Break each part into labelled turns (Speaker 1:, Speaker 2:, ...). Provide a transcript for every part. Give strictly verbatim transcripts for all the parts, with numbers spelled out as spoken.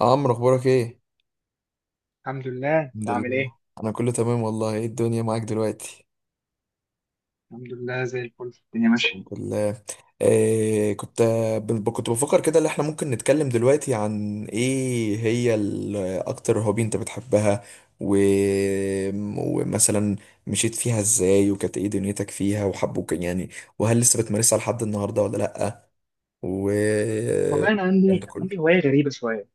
Speaker 1: عمرو، اخبارك ايه؟
Speaker 2: الحمد لله، انت
Speaker 1: الحمد
Speaker 2: عامل
Speaker 1: لله.
Speaker 2: ايه؟
Speaker 1: انا كله تمام والله. ايه الدنيا معاك دلوقتي؟
Speaker 2: الحمد لله، زي الفل الدنيا ماشيه.
Speaker 1: الحمد لله. إيه كنت ب- كنت بفكر كده ان احنا ممكن نتكلم دلوقتي عن ايه هي ال- اكتر هوبي انت بتحبها، و... ومثلا مشيت فيها ازاي، وكانت ايه دنيتك فيها وحبوك، يعني وهل لسه بتمارسها لحد النهارده ولا لأ، و
Speaker 2: والله انا
Speaker 1: الكلام
Speaker 2: عندي
Speaker 1: ده
Speaker 2: انا عندي
Speaker 1: كله.
Speaker 2: هوايه غريبه شويه.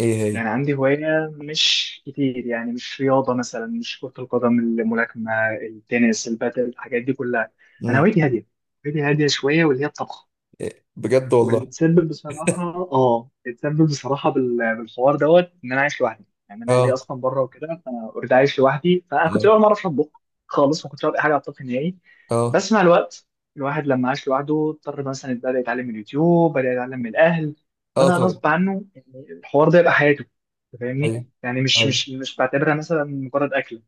Speaker 1: ايه هي؟
Speaker 2: يعني عندي هوايه، مش كتير، يعني مش رياضه مثلا، مش كره القدم، الملاكمه، التنس، البادل، الحاجات دي كلها. انا
Speaker 1: مم.
Speaker 2: هوايتي هاديه، هوايتي هاديه شويه، واللي هي الطبخ.
Speaker 1: إيه بجد والله.
Speaker 2: واللي تسبب بصراحة، اه اتسبب بصراحة بال- بالحوار دوت ان انا عايش لوحدي، يعني انا اهلي
Speaker 1: اه،
Speaker 2: اصلا بره وكده، فانا اوريدي عايش لوحدي، فانا كنت
Speaker 1: اه.
Speaker 2: اول مرة اعرف اطبخ خالص، ما كنتش اعرف اي حاجة على الطبخ نهائي.
Speaker 1: اه،
Speaker 2: بس مع الوقت الواحد لما عاش لوحده اضطر، مثلا بدأ يتعلم من اليوتيوب، بدأ يتعلم من الاهل،
Speaker 1: اه
Speaker 2: بدأ
Speaker 1: طبعا.
Speaker 2: غصب عنه يعني الحوار ده يبقى حياته. أنت فاهمني؟
Speaker 1: ايوه.
Speaker 2: يعني مش
Speaker 1: أيوه.
Speaker 2: مش مش بعتبرها مثلا مجرد اكل.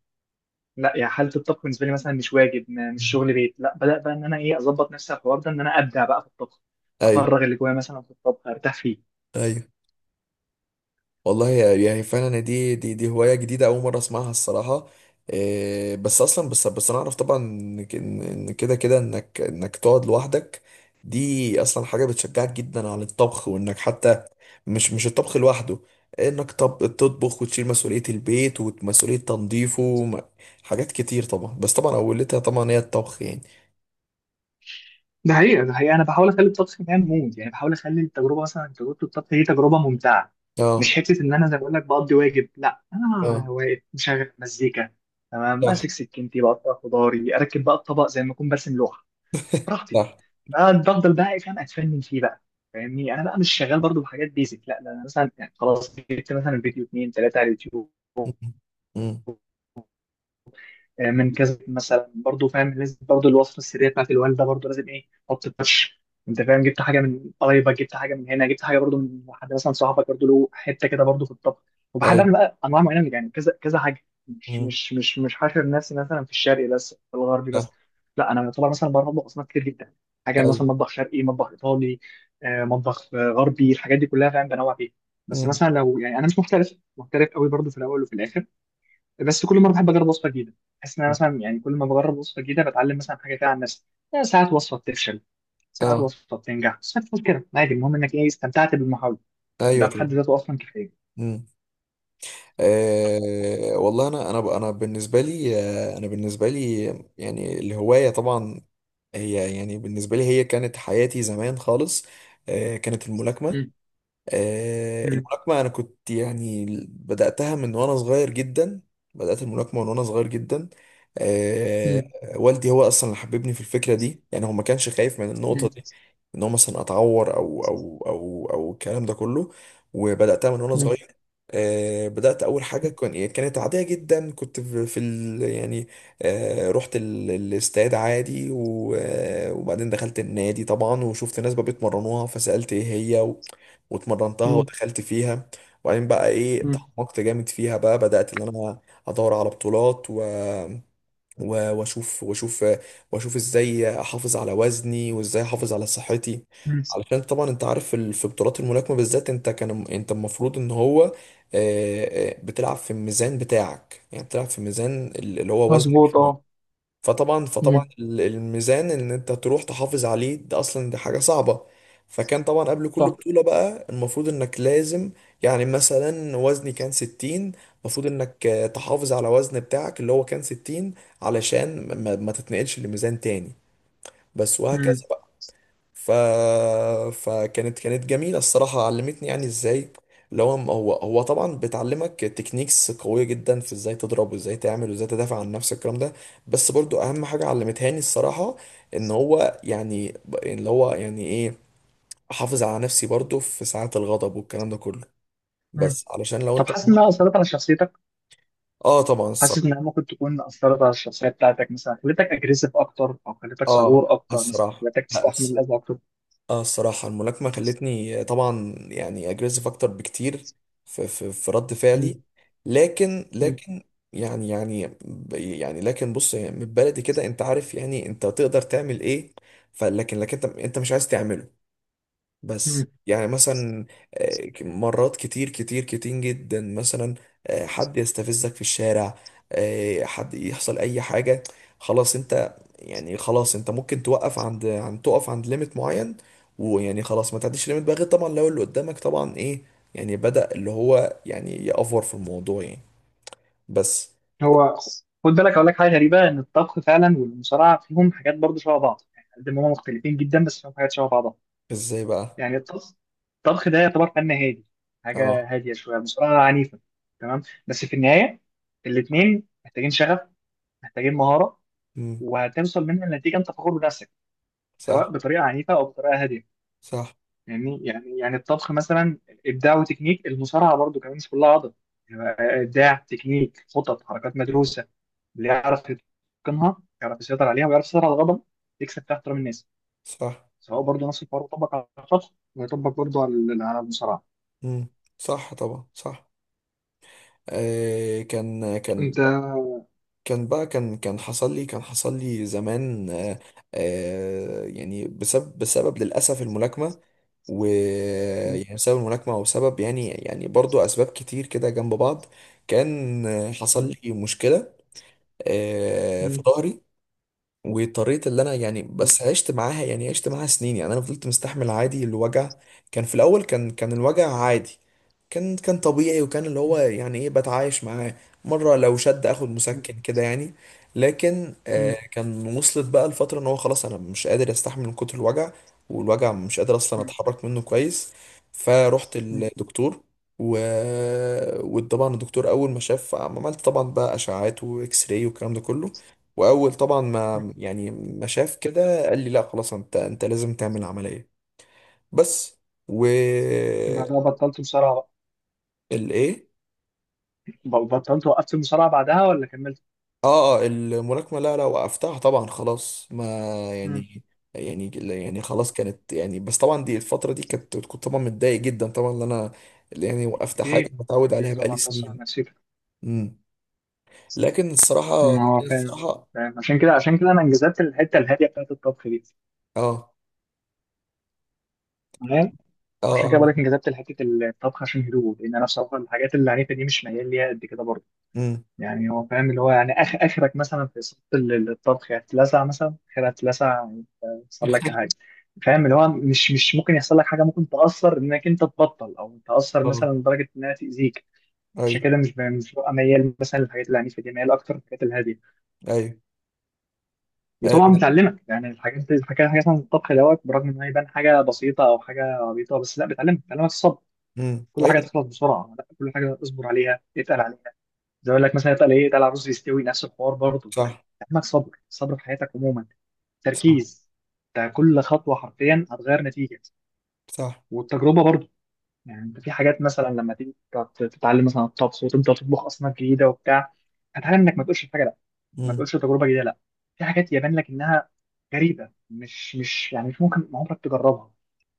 Speaker 2: لا، يعني حاله الطبخ بالنسبه لي مثلا مش واجب، م- مش شغل بيت. لا، بدات بقى ان انا ايه اظبط نفسي على الحوار ده، ان انا ابدع بقى في الطبخ،
Speaker 1: ايوه.
Speaker 2: افرغ اللي جوايا مثلا في الطبخ، ارتاح فيه.
Speaker 1: ايوه والله، يعني فعلا دي دي دي هوايه جديده اول مره اسمعها الصراحه. إيه بس اصلا، بس بس انا اعرف طبعا ان ك- ان إن كده كده انك انك تقعد لوحدك. دي اصلا حاجه بتشجعك جدا على الطبخ، وانك حتى مش مش الطبخ لوحده، انك طب تطبخ وتشيل مسؤوليه البيت ومسؤوليه تنظيفه وم- حاجات كتير طبعا، بس طبعا اولتها طبعا هي الطبخ يعني.
Speaker 2: ده حقيقه، ده حقيقه، انا بحاول اخلي الطبخ كمان مود، يعني بحاول اخلي التجربه، مثلا تجربه الطبخ دي تجربه ممتعه.
Speaker 1: اه،
Speaker 2: مش حته ان انا زي ما بقول لك بقضي واجب، لا، انا
Speaker 1: اه.
Speaker 2: واقف مشغل مزيكا، تمام،
Speaker 1: صح.
Speaker 2: ماسك سكينتي، بقطع خضاري، اركب بقى الطبق زي ما اكون برسم لوحه براحتي.
Speaker 1: صح.
Speaker 2: بقى بفضل بقى فاهم، اتفنن فيه بقى. فاهمني، انا بقى مش شغال برضو بحاجات بيزك، لا، ده انا مثلا يعني خلاص جبت مثلا فيديو اتنين تلاته على اليوتيوب،
Speaker 1: م-. م-.
Speaker 2: من كذا، مثلا برضو فاهم لازم برضو الوصفه السريه بتاعت الوالده، برضو لازم ايه حط التاتش. انت فاهم، جبت حاجه من قرايبك، جبت حاجه من هنا، جبت حاجه برضو من حد مثلا صاحبك برضو له حته كده برضو في الطبخ. وبحب
Speaker 1: ايوه.
Speaker 2: اعمل بقى انواع معينه، من- يعني كذا كذا حاجه، مش
Speaker 1: م-.
Speaker 2: مش مش مش حاشر نفسي مثلا في الشرقي بس، في الغربي
Speaker 1: صح.
Speaker 2: بس. لا، انا يعتبر مثلا بعرف اطبخ اصناف كتير جدا، حاجه
Speaker 1: ايوه.
Speaker 2: مثلا مطبخ شرقي، مطبخ ايطالي، آه، مطبخ آه، غربي، الحاجات دي كلها فاهم بنوع فيها. بس
Speaker 1: م-.
Speaker 2: مثلا لو يعني انا مش محترف محترف قوي برضو في الاول وفي الاخر، بس كل مره بحب اجرب وصفه جديده. بحس ان انا مثلا يعني كل ما بجرب وصفه جديده بتعلم مثلا حاجه كده عن نفسي. يعني ساعات وصفه بتفشل، ساعات
Speaker 1: اه.
Speaker 2: وصفه بتنجح، ساعات بتفوت كده عادي، المهم انك ايه استمتعت بالمحاوله. ده
Speaker 1: ايوه
Speaker 2: بحد
Speaker 1: طبعا.
Speaker 2: ذاته اصلا كفايه.
Speaker 1: امم. آه والله، انا انا انا بالنسبه لي، آه، انا بالنسبه لي يعني الهوايه طبعا هي، يعني بالنسبه لي هي كانت حياتي زمان خالص. آه كانت الملاكمه.
Speaker 2: مم.
Speaker 1: آه،
Speaker 2: مم.
Speaker 1: الملاكمة أنا كنت يعني بدأتها من وأنا صغير جدا. بدأت الملاكمة من وأنا صغير جدا. آه،
Speaker 2: مم.
Speaker 1: والدي هو أصلا اللي حببني في الفكرة دي، يعني هو ما كانش خايف من النقطة
Speaker 2: مم.
Speaker 1: دي، إن هو مثلا أتعور أو أو أو أو الكلام ده كله. وبدأتها من وأنا
Speaker 2: مم.
Speaker 1: صغير. آه، بدأت أول حاجة كان إيه، كانت عادية جدا. كنت في في ال يعني، آه، رحت ال- الاستاد عادي و- آه، وبعدين دخلت النادي طبعا وشفت ناس بقى بيتمرنوها فسألت إيه هي واتمرنتها
Speaker 2: مم.
Speaker 1: ودخلت فيها. وبعدين بقى ايه
Speaker 2: مم.
Speaker 1: تعمقت جامد فيها، بقى بدأت ان انا ادور على بطولات و... و... واشوف، واشوف واشوف ازاي احافظ على وزني، وازاي احافظ على صحتي.
Speaker 2: مم.
Speaker 1: علشان طبعا انت عارف ال- في بطولات الملاكمة بالذات انت كان انت المفروض ان هو آه، آه، بتلعب في الميزان بتاعك، يعني بتلعب في الميزان اللي هو وزنك
Speaker 2: مظبوط،
Speaker 1: فيه.
Speaker 2: اه.
Speaker 1: فطبعا فطبعا
Speaker 2: مم.
Speaker 1: ال- الميزان ان انت تروح تحافظ عليه ده اصلا، دي حاجه صعبه. فكان طبعا قبل كل
Speaker 2: صح.
Speaker 1: بطوله بقى المفروض انك لازم، يعني مثلا وزني كان ستين، المفروض انك آه، تحافظ على وزن بتاعك اللي هو كان ستين، علشان ما, ما تتنقلش لميزان تاني، بس وهكذا.
Speaker 2: مم.
Speaker 1: ف... فكانت كانت جميلة الصراحة، علمتني يعني ازاي، اللي هو هو هو طبعا بتعلمك تكنيكس قوية جدا في ازاي تضرب، وازاي تعمل، وازاي تدافع عن نفسك، الكلام ده. بس برضو اهم حاجة علمتهاني الصراحة ان هو يعني ب- اللي هو يعني ايه، احافظ على نفسي برضو في ساعات الغضب والكلام ده كله،
Speaker 2: مم.
Speaker 1: بس علشان لو
Speaker 2: طب
Speaker 1: انت.
Speaker 2: حاسس انها اثرت على شخصيتك؟
Speaker 1: اه طبعا
Speaker 2: حاسس
Speaker 1: الصراحة.
Speaker 2: انها ممكن تكون اثرت على الشخصيه بتاعتك، مثلا خلتك اجريسيف اكتر او خلتك
Speaker 1: اه
Speaker 2: صبور اكتر، مثلا
Speaker 1: الصراحة
Speaker 2: خلتك
Speaker 1: لا.
Speaker 2: تستحمل الاذى اكتر؟
Speaker 1: اه الصراحة الملاكمة خلتني طبعا يعني اجريسيف اكتر بكتير في في, في رد
Speaker 2: مم.
Speaker 1: فعلي. لكن لكن يعني يعني يعني لكن بص، يعني من بلدي كده انت عارف يعني انت تقدر تعمل ايه. فلكن، لكن انت، انت مش عايز تعمله.
Speaker 2: مم.
Speaker 1: بس يعني مثلا آه، مرات كتير كتير كتير جدا مثلا آه، حد يستفزك في الشارع، آه، حد يحصل اي حاجة، خلاص انت يعني خلاص انت ممكن توقف عند عند تقف عند ليميت معين. ويعني خلاص ما تعديش ليميت بقى، غير طبعا لو اللي قدامك طبعا ايه، يعني بدأ اللي هو يعني يأفور في الموضوع يعني. بس
Speaker 2: هو، خد بالك اقول لك حاجه غريبه ان الطبخ فعلا والمصارعه فيهم حاجات برضه شبه بعض، يعني قد ما هم مختلفين جدا بس فيهم حاجات شبه بعضها.
Speaker 1: ازاي بقى؟
Speaker 2: يعني الطبخ الطبخ، ده يعتبر فن هادي، حاجه
Speaker 1: اه.
Speaker 2: هاديه شويه، المصارعه عنيفه، تمام، بس في النهايه الاثنين محتاجين شغف، محتاجين مهاره،
Speaker 1: مم.
Speaker 2: وهتوصل منها لنتيجه انت فخور بنفسك، سواء
Speaker 1: صح.
Speaker 2: بطريقه عنيفه او بطريقه هاديه.
Speaker 1: صح.
Speaker 2: يعني يعني يعني الطبخ مثلا ابداع وتكنيك، المصارعه برضو كمان مش كلها عضل، يعني ابداع، تكنيك، خطط، حركات مدروسه، اللي يعرف يتقنها يعرف يسيطر عليها ويعرف يسيطر على الغضب يكسب تحت احترام الناس.
Speaker 1: صح.
Speaker 2: سواء برضو نفس الحوار يطبق على الطبخ، ويطبق برضو على على المصارعه.
Speaker 1: مم. صح طبعا صح. آه، كان كان،
Speaker 2: انت.
Speaker 1: كان بقى كان، كان حصل لي، كان حصل لي زمان آه، آه، يعني بسبب، بسبب للأسف الملاكمة.
Speaker 2: مم.
Speaker 1: ويعني بسبب الملاكمة وسبب، يعني يعني برضو أسباب كتير كده جنب بعض. كان آه، حصل
Speaker 2: مم.
Speaker 1: لي مشكلة آه، في
Speaker 2: مم.
Speaker 1: ظهري. وطريقة اللي انا يعني
Speaker 2: مم.
Speaker 1: بس عشت معاها، يعني عشت معاها سنين يعني، انا فضلت مستحمل عادي الوجع. كان في الاول كان كان الوجع عادي، كان كان طبيعي، وكان اللي هو يعني ايه بتعايش معاه، مرة لو شد اخد
Speaker 2: مم.
Speaker 1: مسكن كده يعني. لكن آه
Speaker 2: مم.
Speaker 1: كان وصلت بقى الفترة ان هو خلاص انا مش قادر استحمل من كتر الوجع، والوجع مش قادر اصلا
Speaker 2: مم.
Speaker 1: اتحرك منه كويس. فرحت الدكتور و... وطبعا الدكتور اول ما شاف، عملت طبعا بقى اشعاعات واكس راي والكلام ده كله. واول طبعا ما
Speaker 2: مم.
Speaker 1: يعني ما شاف كده قال لي لا خلاص انت، انت لازم تعمل عمليه. بس و.
Speaker 2: بعدها بطلت مصارعه؟
Speaker 1: الايه؟
Speaker 2: بقى ب- بطلت، وقفت المصارعه بعدها ولا كملت؟
Speaker 1: اه اه الملاكمه لا لا وقفتها طبعا خلاص، ما
Speaker 2: مم.
Speaker 1: يعني، يعني يعني
Speaker 2: مم.
Speaker 1: خلاص كانت يعني، بس طبعا دي الفتره، دي كانت كنت طبعا متضايق جدا طبعا ان انا اللي يعني وقفت حاجه
Speaker 2: اكيد،
Speaker 1: متعود
Speaker 2: اكيد
Speaker 1: عليها بقالي
Speaker 2: طبعا تاثر على
Speaker 1: سنين.
Speaker 2: نفسيتك.
Speaker 1: امم. لكن الصراحه
Speaker 2: ما هو
Speaker 1: لكن
Speaker 2: فاهم،
Speaker 1: الصراحه
Speaker 2: فاهم، عشان كده، عشان كده انا انجذبت الحته الهاديه بتاعت الطبخ دي.
Speaker 1: اه.
Speaker 2: تمام.
Speaker 1: اه.
Speaker 2: عشان كده
Speaker 1: اه.
Speaker 2: بقولك انجذبت لحته الطبخ عشان هدوء، لان انا بصراحه الحاجات العنيفه دي مش ميال ليها قد كده برضه.
Speaker 1: امم.
Speaker 2: يعني هو فاهم اللي هو، يعني اخ اخرك مثلا في صوت ال- الطبخ هتلسع، مثلا اخرها هتلسع، يحصل لك حاجه. فاهم اللي هو مش مش ممكن يحصل لك حاجه ممكن تاثر انك انت تبطل، او تاثر مثلا
Speaker 1: اه.
Speaker 2: لدرجه انها تاذيك. عشان
Speaker 1: ايوه.
Speaker 2: كده مش ب- مش ببقى ميال مثلا للحاجات العنيفه دي، ميال اكتر للحاجات الهاديه.
Speaker 1: ايوه.
Speaker 2: وطبعا بتعلمك يعني الحاجات دي، الحاجات حاجات عن الطبخ دوت، برغم ان هي يبان حاجه بسيطه او حاجه عبيطه، بس لا، بتعلمك بتعلمك الصبر.
Speaker 1: امم.
Speaker 2: كل حاجه
Speaker 1: ايوه.
Speaker 2: تخلص بسرعه، لا، كل حاجه اصبر عليها اتقل عليها. زي ما يقول لك مثلا اتقل ايه، اتقل على الرز يستوي، نفس الحوار برضه.
Speaker 1: صح.
Speaker 2: بتعلمك صبر، صبر في حياتك عموما،
Speaker 1: صح.
Speaker 2: تركيز. انت كل خطوه حرفيا هتغير نتيجه.
Speaker 1: صح.
Speaker 2: والتجربه برضه، يعني انت في حاجات مثلا لما تيجي تت- تتعلم مثلا الطبخ وتبدا تطبخ اصناف جديده وبتاع، هتعلم انك ما تقولش الحاجه، ما
Speaker 1: مم.
Speaker 2: تقولش تجربه جديده لا. في حاجات يبان لك انها غريبه، مش مش يعني مش ممكن عمرك تجربها،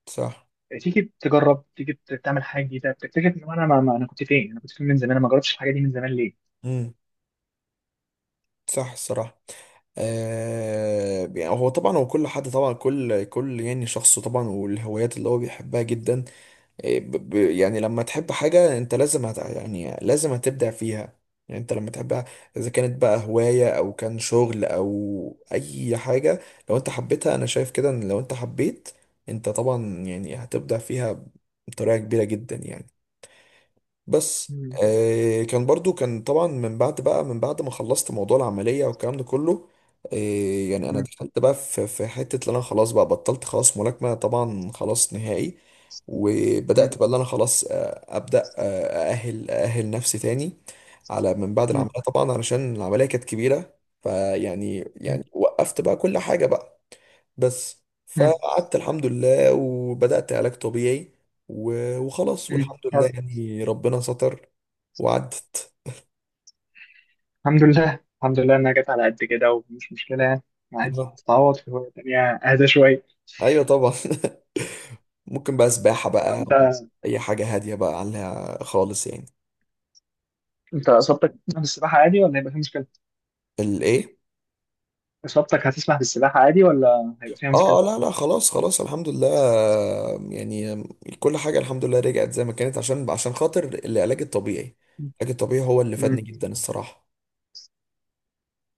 Speaker 1: صح.
Speaker 2: تيجي تجرب، تيجي ت- تعمل حاجه جديده، بتكتشف ان انا ما ما- انا كنت فين، انا كنت فين من زمان، انا ما جربتش الحاجه دي من زمان ليه؟
Speaker 1: مم. صح الصراحة. آه يعني هو طبعا هو كل حد طبعا، كل كل يعني شخص طبعا والهوايات اللي هو بيحبها جدا آه، ب- ب- يعني لما تحب حاجة انت لازم هت، يعني لازم هتبدع فيها. يعني انت لما تحبها، اذا كانت بقى هواية او كان شغل او اي حاجة، لو انت حبيتها، انا شايف كده ان لو انت حبيت، انت طبعا يعني هتبدع فيها بطريقة كبيرة جدا يعني. بس
Speaker 2: مم.
Speaker 1: آه كان برضو، كان طبعا من بعد بقى، من بعد ما خلصت موضوع العملية والكلام ده كله آه، يعني انا
Speaker 2: مم.
Speaker 1: دخلت بقى في في حتة اللي انا خلاص بقى بطلت خلاص ملاكمة طبعا خلاص نهائي.
Speaker 2: مم.
Speaker 1: وبدأت بقى اللي انا خلاص آه ابدأ آه، اأهل اأهل نفسي تاني، على من بعد
Speaker 2: مم.
Speaker 1: العملية طبعا علشان العملية كانت كبيرة. فيعني،
Speaker 2: مم.
Speaker 1: يعني وقفت بقى كل حاجة بقى. بس
Speaker 2: مم.
Speaker 1: فقعدت الحمد لله وبدأت علاج طبيعي، و- وخلاص والحمد
Speaker 2: مم.
Speaker 1: لله
Speaker 2: يلا.
Speaker 1: يعني ربنا ستر وعدت.
Speaker 2: الحمد لله، الحمد لله انها جت على قد كده، ومش مشكله يعني، عادي
Speaker 1: آه.
Speaker 2: تتعوض في هوايه تانيه اهدى شويه.
Speaker 1: ايوه طبعا. ممكن بقى سباحة بقى،
Speaker 2: انت
Speaker 1: اي حاجة هادية بقى عليها خالص يعني.
Speaker 2: انت اصابتك في السباحه عادي ولا هيبقى فيها مشكله؟
Speaker 1: الايه؟
Speaker 2: اصابتك هتسمح بالسباحه عادي ولا هيبقى فيها
Speaker 1: اه
Speaker 2: مشكله؟
Speaker 1: آه، لا لا خلاص خلاص الحمد لله يعني. كل حاجة الحمد لله رجعت زي ما كانت، عشان عشان خاطر العلاج الطبيعي. العلاج الطبيعي هو اللي فادني
Speaker 2: مم.
Speaker 1: جدا الصراحة.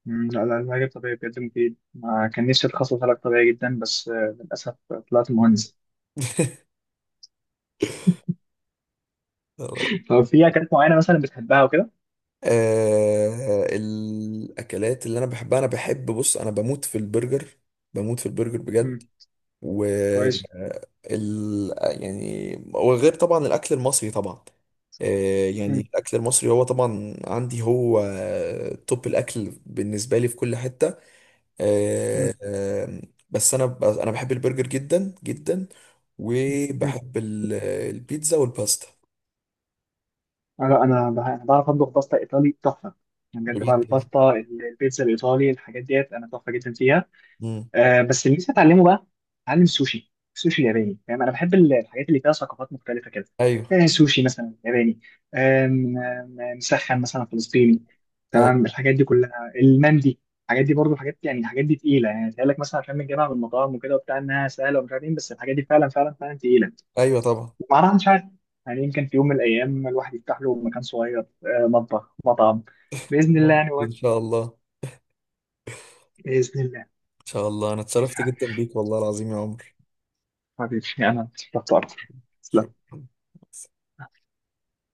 Speaker 2: مم، لا، لا، العلاج الطبيعي بجد مفيد، ما كان نفسي اتخصص علاج طبيعي جدا، بس آه، للأسف طلعت مهندس. طب في أكلات معينة مثلا بتحبها وكده؟
Speaker 1: آه الاكلات اللي انا بحبها، انا بحب بص انا بموت في البرجر، بموت في البرجر بجد.
Speaker 2: مم،
Speaker 1: و
Speaker 2: كويس.
Speaker 1: ال يعني، وغير طبعا الاكل المصري طبعا آه، يعني
Speaker 2: مم،
Speaker 1: الاكل المصري هو طبعا عندي هو توب الاكل بالنسبه لي في كل حته
Speaker 2: مم،
Speaker 1: آه، آه، بس انا ب- انا بحب البرجر جدا جدا.
Speaker 2: مم، مم.
Speaker 1: وبحب ال- البيتزا والباستا
Speaker 2: آه، لا، أنا بح- أنا بعرف أطبخ باستا إيطالي تحفة، يعني بجد بقى
Speaker 1: بجد.
Speaker 2: الباستا، ال- البيتزا الإيطالي الحاجات ديت أنا تحفة جدا فيها.
Speaker 1: مم.
Speaker 2: آه بس اللي لسه اتعلمه بقى، اتعلم سوشي، سوشي ياباني، فاهم انا بحب ال- الحاجات اللي فيها ثقافات مختلفه كده.
Speaker 1: ايوه.
Speaker 2: آه سوشي مثلا ياباني، آم، آم، آم، مسخن مثلا فلسطيني،
Speaker 1: ايوه.
Speaker 2: تمام، الحاجات دي كلها المندي، الحاجات دي برضو حاجات يعني الحاجات دي تقيله، يعني تقول لك مثلا عشان بنجيبها من المطاعم وكده وبتاع انها سهله ومش عارف ايه، بس الحاجات دي فعلا فعلا فعلا تقيله،
Speaker 1: ايوه طبعا.
Speaker 2: ومعناها مش عارف. يعني يمكن في يوم من الايام الواحد يفتح له مكان صغير، آه، مطبخ، مطعم، باذن الله يعني.
Speaker 1: ان
Speaker 2: وقت-
Speaker 1: شاء الله.
Speaker 2: باذن الله.
Speaker 1: ان شاء الله، انا
Speaker 2: مش
Speaker 1: اتشرفت جدا
Speaker 2: عارف.
Speaker 1: بيك والله العظيم يا عمر.
Speaker 2: حبيبي، انا اتشرفت اكتر. تسلم.
Speaker 1: شكرا.